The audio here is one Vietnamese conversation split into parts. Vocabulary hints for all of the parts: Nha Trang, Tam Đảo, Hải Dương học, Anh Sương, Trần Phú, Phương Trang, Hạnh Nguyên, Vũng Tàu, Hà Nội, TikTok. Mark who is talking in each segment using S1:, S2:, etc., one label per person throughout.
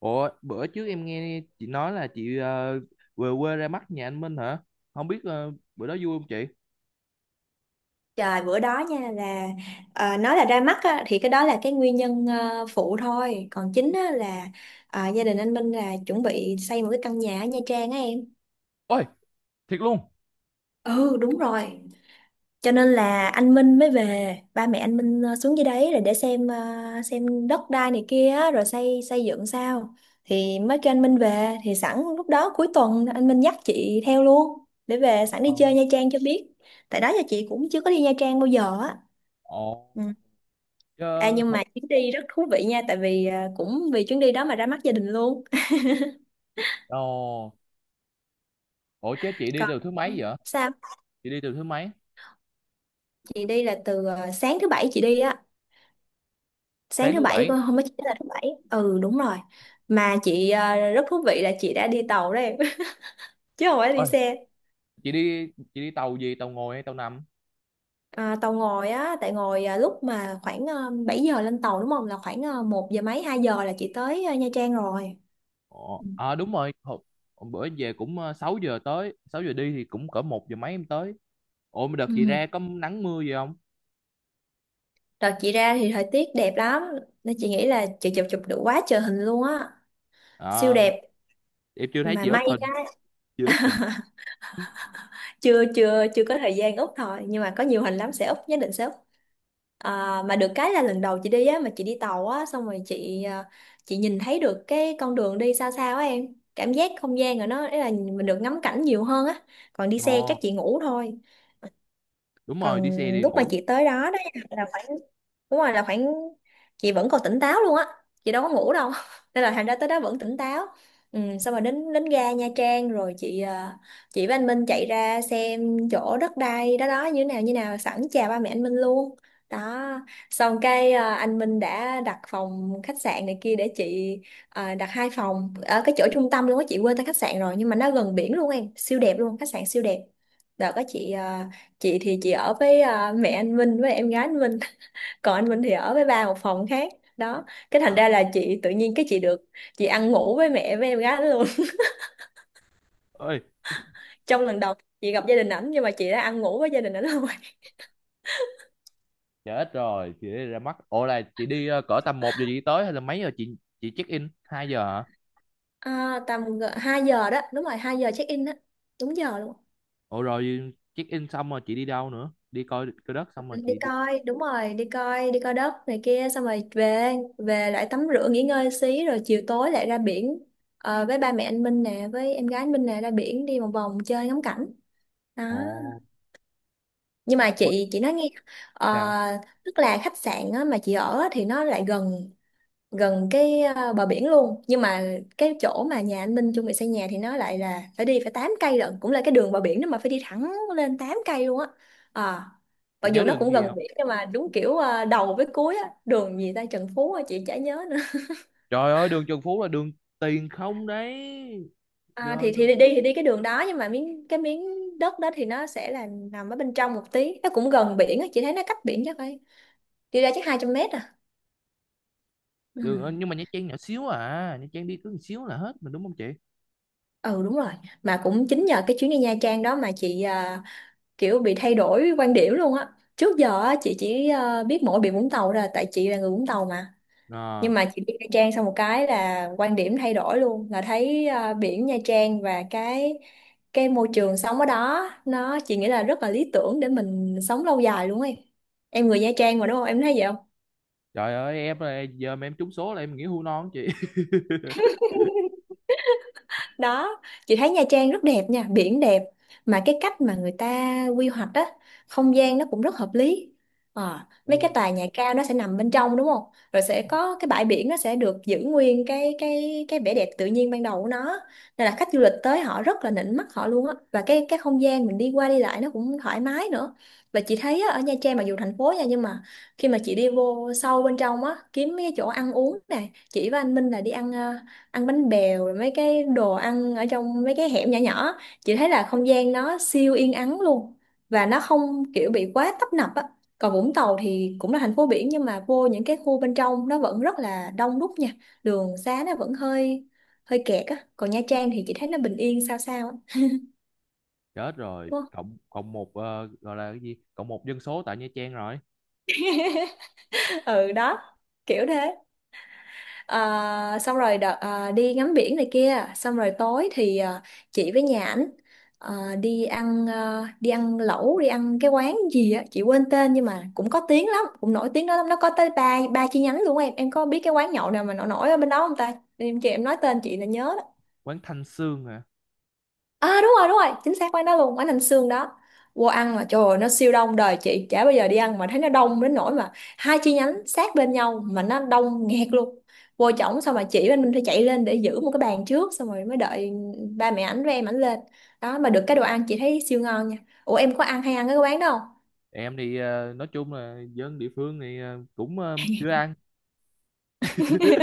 S1: Ủa, bữa trước em nghe chị nói là về quê ra mắt nhà anh Minh hả? Không biết bữa đó vui không chị?
S2: Trời bữa đó nha là nói là ra mắt á, thì cái đó là cái nguyên nhân phụ thôi, còn chính á, là gia đình anh Minh là chuẩn bị xây một cái căn nhà ở Nha Trang á em.
S1: Ôi, thiệt luôn.
S2: Ừ, đúng rồi, cho nên là anh Minh mới về, ba mẹ anh Minh xuống dưới đấy rồi để xem xem đất đai này kia á, rồi xây xây dựng sao, thì mới kêu anh Minh về, thì sẵn lúc đó cuối tuần anh Minh dắt chị theo luôn để về sẵn đi
S1: Ờ.
S2: chơi Nha Trang cho biết. Tại đó giờ chị cũng chưa có đi Nha Trang bao giờ á.
S1: Ồ,
S2: Ừ. À,
S1: chứ...
S2: nhưng mà chuyến đi rất thú vị nha, tại vì cũng vì chuyến đi đó mà ra mắt gia đình luôn.
S1: Ồ, ủa chứ chị đi
S2: Còn
S1: từ thứ mấy vậy?
S2: sao.
S1: Chị đi từ thứ mấy?
S2: Chị đi là từ sáng thứ bảy chị đi á, sáng
S1: Sáng
S2: thứ
S1: thứ
S2: bảy,
S1: bảy.
S2: không có, chỉ là thứ bảy. Ừ, đúng rồi. Mà chị rất thú vị là chị đã đi tàu đấy, chứ không phải đi
S1: Ôi,
S2: xe.
S1: chị đi tàu gì? Tàu ngồi hay tàu nằm?
S2: À, tàu ngồi á, tại ngồi lúc mà khoảng 7 giờ lên tàu đúng không, là khoảng một giờ mấy, 2 giờ là chị tới Nha Trang rồi.
S1: Ồ, à đúng rồi. Hồi bữa về cũng 6 giờ tới. Sáu giờ đi thì cũng cỡ một giờ mấy em tới. Ủa mà đợt chị
S2: Ừ.
S1: ra có nắng mưa gì không?
S2: Đợt chị ra thì thời tiết đẹp lắm, nên chị nghĩ là chị chụp chụp được quá trời hình luôn á, siêu
S1: À,
S2: đẹp.
S1: em chưa thấy
S2: Mà
S1: chị up
S2: may
S1: hình.
S2: cái,
S1: Chưa up hình.
S2: chưa chưa chưa có thời gian úp thôi, nhưng mà có nhiều hình lắm, sẽ úp, nhất định sẽ úp. À, mà được cái là lần đầu chị đi á, mà chị đi tàu á, xong rồi chị chị nhìn thấy được cái con đường đi xa xa á em, cảm giác không gian rồi nó ý là mình được ngắm cảnh nhiều hơn á, còn đi xe chắc
S1: Ồ,
S2: chị ngủ thôi.
S1: đúng rồi, đi
S2: Còn
S1: xe đi
S2: lúc mà
S1: ngủ.
S2: chị tới đó đó nha, là phải, đúng rồi, là khoảng, chị vẫn còn tỉnh táo luôn á, chị đâu có ngủ đâu, nên là thành ra tới đó vẫn tỉnh táo. Ừ, xong rồi đến đến ga Nha Trang rồi chị chị với anh Minh chạy ra xem chỗ đất đai đó đó như thế nào sẵn chào ba mẹ anh Minh luôn. Đó. Xong cái anh Minh đã đặt phòng khách sạn này kia để chị đặt 2 phòng ở cái chỗ trung tâm luôn á, chị quên tên khách sạn rồi, nhưng mà nó gần biển luôn em, siêu đẹp luôn, khách sạn siêu đẹp. Đợt có chị chị thì chị ở với mẹ anh Minh với em gái anh Minh, còn anh Minh thì ở với ba một phòng khác. Đó. Cái thành ra là chị tự nhiên cái chị được, chị ăn ngủ với mẹ với em gái đó luôn.
S1: Ơi,
S2: Trong lần đầu chị gặp gia đình ảnh nhưng mà chị đã ăn ngủ với gia đình ảnh luôn.
S1: chết rồi chị đi ra mắt, ủa là chị đi cỡ tầm một giờ chị tới hay là mấy giờ chị check in hai giờ hả?
S2: Tầm 2 giờ đó, đúng rồi, 2 giờ check in đó, đúng giờ luôn.
S1: Ủa rồi check in xong rồi chị đi đâu nữa, đi coi coi đất xong rồi
S2: Đi
S1: chị đi?
S2: coi, đúng rồi, đi coi, đất này kia xong rồi về, về lại tắm rửa nghỉ ngơi xí rồi chiều tối lại ra biển. Ờ, với ba mẹ anh Minh nè, với em gái anh Minh nè, ra biển đi một vòng chơi ngắm cảnh. Đó.
S1: Ồ,
S2: Nhưng mà
S1: ủa
S2: chị nói nghe, ờ,
S1: sao
S2: tức là khách sạn á, mà chị ở á, thì nó lại gần, gần cái bờ biển luôn, nhưng mà cái chỗ mà nhà anh Minh chuẩn bị xây nhà thì nó lại là phải đi, phải 8 cây lận, cũng là cái đường bờ biển đó mà phải đi thẳng lên 8 cây luôn á. à,
S1: chị
S2: Mặc
S1: nhớ
S2: dù nó
S1: đường
S2: cũng
S1: gì
S2: gần
S1: không?
S2: biển nhưng mà đúng kiểu đầu với cuối á, đường gì ta, Trần Phú á, chị chả nhớ nữa.
S1: Trời ơi, đường Trần Phú là đường tiền không đấy
S2: À,
S1: trời.
S2: thì đi cái đường đó nhưng mà miếng đất đó thì nó sẽ là nằm ở bên trong một tí, nó cũng gần biển á, chị thấy nó cách biển chắc phải, đi ra chắc 200 mét à. Ừ.
S1: Nhưng mà Nha Trang nhỏ xíu à, Nha Trang đi cứ một xíu là hết mà đúng không chị?
S2: Ừ, đúng rồi. Mà cũng chính nhờ cái chuyến đi Nha Trang đó mà chị kiểu bị thay đổi quan điểm luôn á. Trước giờ á, chị chỉ biết mỗi biển Vũng Tàu ra, tại chị là người Vũng Tàu mà. Nhưng
S1: À,
S2: mà chị đi Nha Trang xong một cái là quan điểm thay đổi luôn, là thấy biển Nha Trang và cái môi trường sống ở đó nó, chị nghĩ là rất là lý tưởng để mình sống lâu dài luôn ấy. Em người Nha Trang mà đúng không, em thấy vậy
S1: trời ơi, em là giờ mà em trúng số là em nghĩ hưu non chị.
S2: đó. Chị thấy Nha Trang rất đẹp nha, biển đẹp, mà cái cách mà người ta quy hoạch á, không gian nó cũng rất hợp lý. Ờ, mấy
S1: Ừ.
S2: cái tòa nhà cao nó sẽ nằm bên trong đúng không, rồi sẽ có cái bãi biển, nó sẽ được giữ nguyên cái vẻ đẹp tự nhiên ban đầu của nó, nên là khách du lịch tới họ rất là nịnh mắt họ luôn á, và cái không gian mình đi qua đi lại nó cũng thoải mái nữa. Và chị thấy á, ở Nha Trang mặc dù thành phố nha, nhưng mà khi mà chị đi vô sâu bên trong á, kiếm mấy cái chỗ ăn uống nè, chị với anh Minh là đi ăn ăn bánh bèo rồi mấy cái đồ ăn ở trong mấy cái hẻm nhỏ nhỏ, chị thấy là không gian nó siêu yên ắng luôn, và nó không kiểu bị quá tấp nập á. Còn Vũng Tàu thì cũng là thành phố biển, nhưng mà vô những cái khu bên trong nó vẫn rất là đông đúc nha, đường xá nó vẫn hơi, hơi kẹt á, còn Nha Trang thì chị thấy nó bình yên sao sao á.
S1: Chết rồi,
S2: Đúng không?
S1: cộng cộng một gọi là cái gì, cộng một dân số tại Nha Trang rồi.
S2: Ừ, đó, kiểu thế. Ờ, xong rồi đợt, đi ngắm biển này kia xong rồi tối thì, chị với nhà ảnh, đi ăn, đi ăn lẩu, đi ăn cái quán gì á chị quên tên, nhưng mà cũng có tiếng lắm, cũng nổi tiếng đó lắm, nó có tới ba ba chi nhánh luôn. Em có biết cái quán nhậu nào mà nổi nổi ở bên đó không ta em, chị em nói tên chị là nhớ.
S1: Quán Thanh Sương hả?
S2: À đúng rồi, đúng rồi, chính xác quán đó luôn, quán Anh Sương đó. Vô ăn mà trời ơi, nó siêu đông đời chị, chả bao giờ đi ăn mà thấy nó đông đến nỗi mà hai chi nhánh sát bên nhau mà nó đông nghẹt luôn. Vô trỏng xong mà chị bên mình phải chạy lên để giữ một cái bàn trước, xong rồi mới đợi ba mẹ ảnh với em ảnh lên. Đó, mà được cái đồ ăn chị thấy siêu ngon nha. Ủa em có ăn hay ăn cái quán đó không?
S1: Em thì nói chung là dân địa phương thì cũng chưa ăn.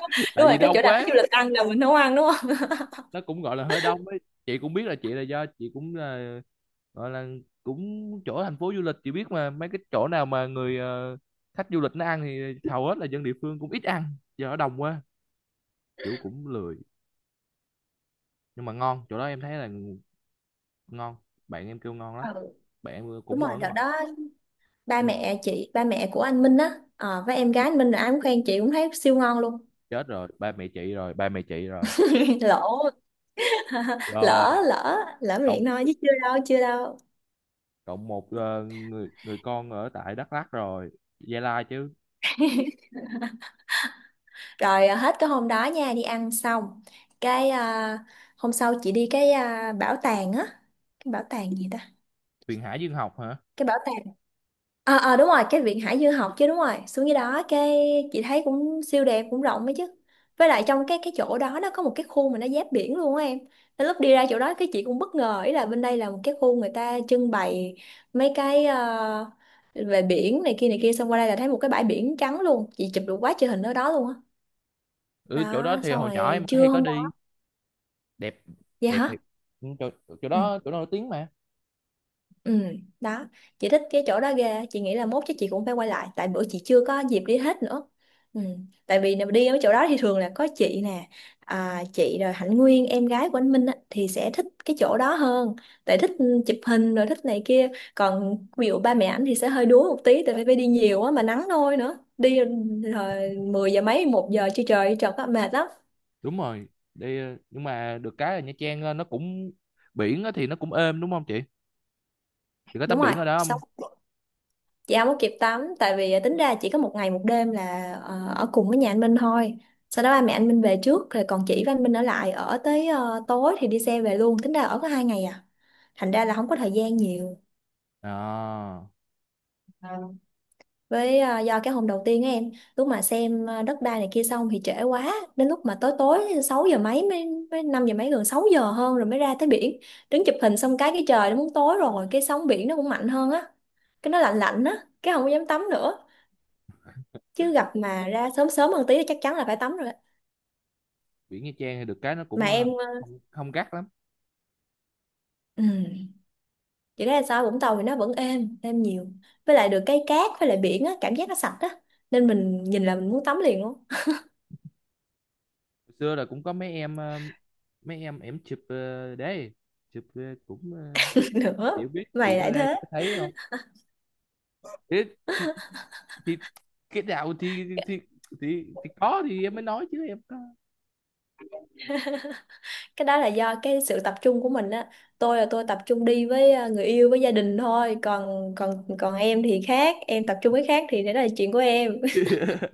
S1: Tại
S2: Đúng rồi,
S1: vì
S2: cái
S1: đông
S2: chỗ nào khách du
S1: quá,
S2: lịch ăn là mình nấu ăn đúng không?
S1: nó cũng gọi là hơi đông ấy. Chị cũng biết là chị là do chị cũng là gọi là cũng chỗ thành phố du lịch, chị biết mà, mấy cái chỗ nào mà khách du lịch nó ăn thì hầu hết là dân địa phương cũng ít ăn, do nó đông quá, kiểu cũng lười. Nhưng mà ngon, chỗ đó em thấy là ngon, bạn em kêu ngon lắm,
S2: Ừ.
S1: bạn em
S2: Đúng
S1: cũng
S2: rồi,
S1: ở
S2: đợt
S1: ngoài.
S2: đó ba
S1: Ừ.
S2: mẹ chị, ba mẹ của anh Minh á, với em gái anh Minh là ai cũng khen, chị cũng thấy siêu ngon luôn.
S1: Chết rồi, ba mẹ chị rồi, ba mẹ chị rồi.
S2: Lỗ,
S1: Rồi
S2: lỡ lỡ lỡ
S1: cộng,
S2: miệng thôi chứ chưa đâu, chưa đâu.
S1: cộng một người người con ở tại Đắk Lắk rồi, Gia Lai chứ.
S2: Rồi hết cái hôm đó nha, đi ăn xong cái hôm sau chị đi cái bảo tàng á, cái bảo tàng gì ta,
S1: Huyền Hải Dương học hả?
S2: cái bảo tàng, đúng rồi, cái viện Hải Dương học chứ, đúng rồi, xuống dưới đó cái chị thấy cũng siêu đẹp, cũng rộng ấy chứ. Với lại trong cái chỗ đó nó có một cái khu mà nó giáp biển luôn á em, nên lúc đi ra chỗ đó cái chị cũng bất ngờ, ý là bên đây là một cái khu người ta trưng bày mấy cái về biển này kia xong qua đây là thấy một cái bãi biển trắng luôn, chị chụp được quá trời hình ở đó luôn á. Đó.
S1: Ừ, chỗ đó
S2: Đó,
S1: thì
S2: xong
S1: hồi nhỏ em
S2: rồi
S1: hay
S2: trưa
S1: có
S2: hôm
S1: đi.
S2: đó,
S1: Đẹp,
S2: vậy
S1: đẹp
S2: hả.
S1: thiệt. Ừ, chỗ
S2: Ừ.
S1: đó, chỗ đó nổi tiếng mà.
S2: Ừ, đó, chị thích cái chỗ đó ghê, chị nghĩ là mốt chắc chị cũng phải quay lại, tại bữa chị chưa có dịp đi hết nữa. Ừ, tại vì nếu đi ở chỗ đó thì thường là có chị nè, à, chị rồi Hạnh Nguyên, em gái của anh Minh á, thì sẽ thích cái chỗ đó hơn, tại thích chụp hình rồi thích này kia. Còn ví dụ ba mẹ ảnh thì sẽ hơi đuối một tí, tại vì phải đi nhiều á mà nắng nôi nữa, đi rồi 10 giờ mấy, 1 giờ chưa trời trời có mệt lắm,
S1: Đúng rồi, nhưng mà được cái là Nha Trang, nó cũng biển á thì nó cũng êm đúng không chị? Chị có
S2: đúng
S1: tắm
S2: rồi,
S1: biển ở đó không?
S2: xong chị không có kịp tắm tại vì à, tính ra chỉ có 1 ngày 1 đêm là ở cùng với nhà anh Minh thôi. Sau đó ba mẹ anh Minh về trước rồi còn chị và anh Minh ở lại ở tới tối thì đi xe về luôn, tính ra ở có 2 ngày à, thành ra là không có thời gian nhiều.
S1: À,
S2: Với à, do cái hôm đầu tiên á em, lúc mà xem à, đất đai này kia xong thì trễ quá, đến lúc mà tối tối 6 giờ mấy mới, 5 giờ mấy gần 6 giờ hơn rồi mới ra tới biển. Đứng chụp hình xong cái trời nó muốn tối rồi, cái sóng biển nó cũng mạnh hơn á, cái nó lạnh lạnh á, cái không có dám tắm nữa. Chứ gặp mà ra sớm sớm hơn tí thì chắc chắn là phải tắm rồi á.
S1: biển Nha Trang thì được cái nó
S2: Mà
S1: cũng
S2: em
S1: không, không gắt lắm.
S2: ừm, chị thấy là sao Vũng Tàu thì nó vẫn êm êm nhiều, với lại được cái cát với lại biển á cảm giác nó sạch á, nên mình nhìn là mình muốn tắm liền luôn.
S1: Hồi xưa là cũng có mấy em chụp đấy, chụp cũng ờ,
S2: Nữa
S1: chị không biết chị
S2: mày
S1: có
S2: lại
S1: ra
S2: thế.
S1: chị có thấy không. Thì, thì, thì cái nào thì có thì em mới nói chứ em có.
S2: Cái đó là do cái sự tập trung của mình á. Tôi là tôi tập trung đi với người yêu với gia đình thôi, còn còn còn em thì khác, em tập trung với khác thì đó là chuyện của em.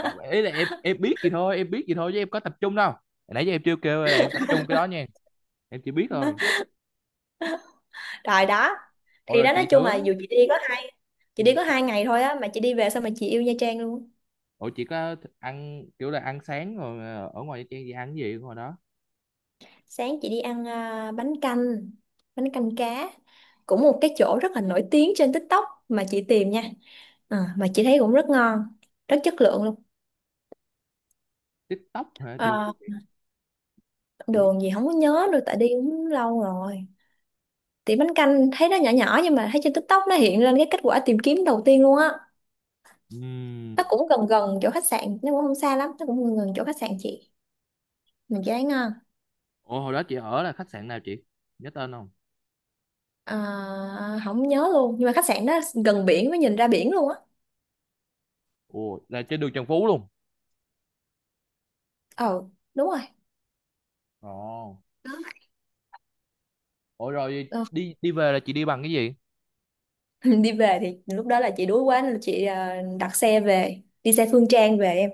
S1: Không, ý là em biết gì thôi, em biết gì thôi chứ em có tập trung đâu. Hồi nãy giờ em chưa kêu là em tập trung cái đó nha, em chỉ biết thôi.
S2: Rồi đó,
S1: Ủa
S2: thì
S1: rồi
S2: đó, nói
S1: chị
S2: chung
S1: thử
S2: là
S1: á.
S2: dù chị đi có hai chị đi
S1: Ừ,
S2: có hai ngày thôi á mà chị đi về sao mà chị yêu Nha Trang luôn.
S1: ủa chị có th- ăn kiểu là ăn sáng rồi ở ngoài Nha Trang gì, ăn cái gì ở ngoài đó?
S2: Sáng chị đi ăn à, bánh canh, bánh canh cá, cũng một cái chỗ rất là nổi tiếng trên TikTok mà chị tìm nha. Ờ, mà chị thấy cũng rất ngon, rất chất lượng luôn.
S1: TikTok hả, được.
S2: Ờ,
S1: Chị biết.
S2: đường gì không có nhớ nữa tại đi cũng lâu rồi. Thì bánh canh thấy nó nhỏ nhỏ nhưng mà thấy trên TikTok nó hiện lên cái kết quả tìm kiếm đầu tiên luôn á.
S1: Ừm.
S2: Nó cũng gần gần chỗ khách sạn, nó cũng không xa lắm, nó cũng gần gần chỗ khách sạn chị. Mình chị thấy ngon.
S1: Ủa hồi đó chị ở là khách sạn nào chị? Nhớ tên không?
S2: Ờ, không nhớ luôn nhưng mà khách sạn đó gần biển, mới nhìn ra biển luôn á.
S1: Ủa là trên đường Trần Phú luôn.
S2: Ờ đúng rồi.
S1: Ồ. Ủa rồi
S2: Đó.
S1: đi đi về là chị đi bằng cái gì?
S2: Đi về thì lúc đó là chị đuối quá nên là chị à, đặt xe về, đi xe Phương Trang về em.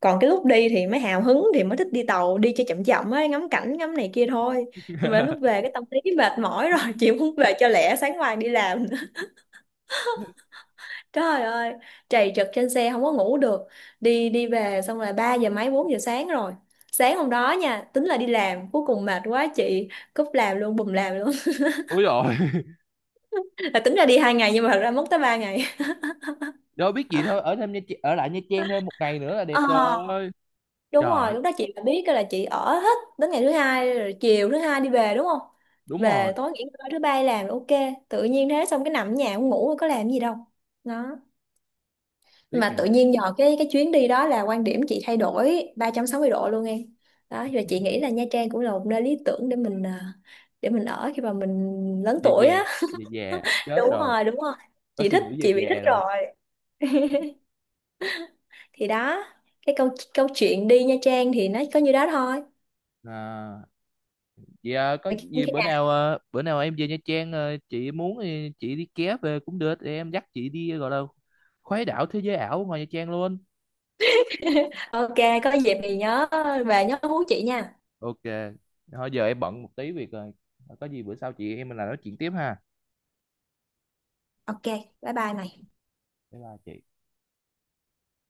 S2: Còn cái lúc đi thì mới hào hứng thì mới thích đi tàu, đi cho chậm chậm ấy, ngắm cảnh ngắm này kia thôi. Nhưng mà đến lúc về cái tâm lý mệt mỏi rồi, chị muốn về cho lẹ, sáng mai đi làm nữa. Trời ơi, trầy trật trên xe không có ngủ được. Đi đi về xong là 3 giờ mấy 4 giờ sáng rồi. Sáng hôm đó nha tính là đi làm, cuối cùng mệt quá chị cúp làm luôn, bùm làm luôn.
S1: Ủa rồi.
S2: Là tính ra đi 2 ngày nhưng mà thật ra mất tới 3 ngày.
S1: Đâu biết gì thôi, ở thêm Nha Trang, ở lại Nha Trang thêm một ngày nữa là đẹp
S2: Ờ
S1: rồi.
S2: đúng rồi,
S1: Trời,
S2: lúc đó chị đã biết là chị ở hết đến ngày thứ hai rồi, chiều thứ hai đi về đúng không,
S1: đúng
S2: về
S1: rồi,
S2: tối nghỉ ngơi, thứ ba làm ok. Tự nhiên thế, xong cái nằm ở nhà cũng ngủ có làm gì đâu. Đó,
S1: tiếc
S2: mà
S1: nhỉ.
S2: tự nhiên nhờ cái chuyến đi đó là quan điểm chị thay đổi 360 độ luôn em. Đó và chị nghĩ là Nha Trang cũng là một nơi lý tưởng để mình à, để mình ở khi mà mình lớn
S1: Về
S2: tuổi
S1: về,
S2: á.
S1: về về chết
S2: Đúng
S1: rồi.
S2: rồi đúng rồi,
S1: Có
S2: chị
S1: suy
S2: thích,
S1: nghĩ về
S2: chị bị thích
S1: về rồi.
S2: rồi. Thì đó, cái câu câu chuyện đi Nha Trang thì nó có như đó thôi.
S1: À, có gì
S2: Khi nào
S1: bữa nào em về Nha Trang, à, chị muốn thì chị đi ké về cũng được, em dắt chị đi gọi là khuấy đảo thế giới ảo ngoài Nha Trang luôn.
S2: ok, có dịp thì nhớ về nhớ hú chị nha.
S1: Ok, thôi giờ em bận một tí việc rồi, có gì bữa sau chị em mình lại nói chuyện tiếp ha.
S2: Ok, bye bye này.
S1: Bye bye chị.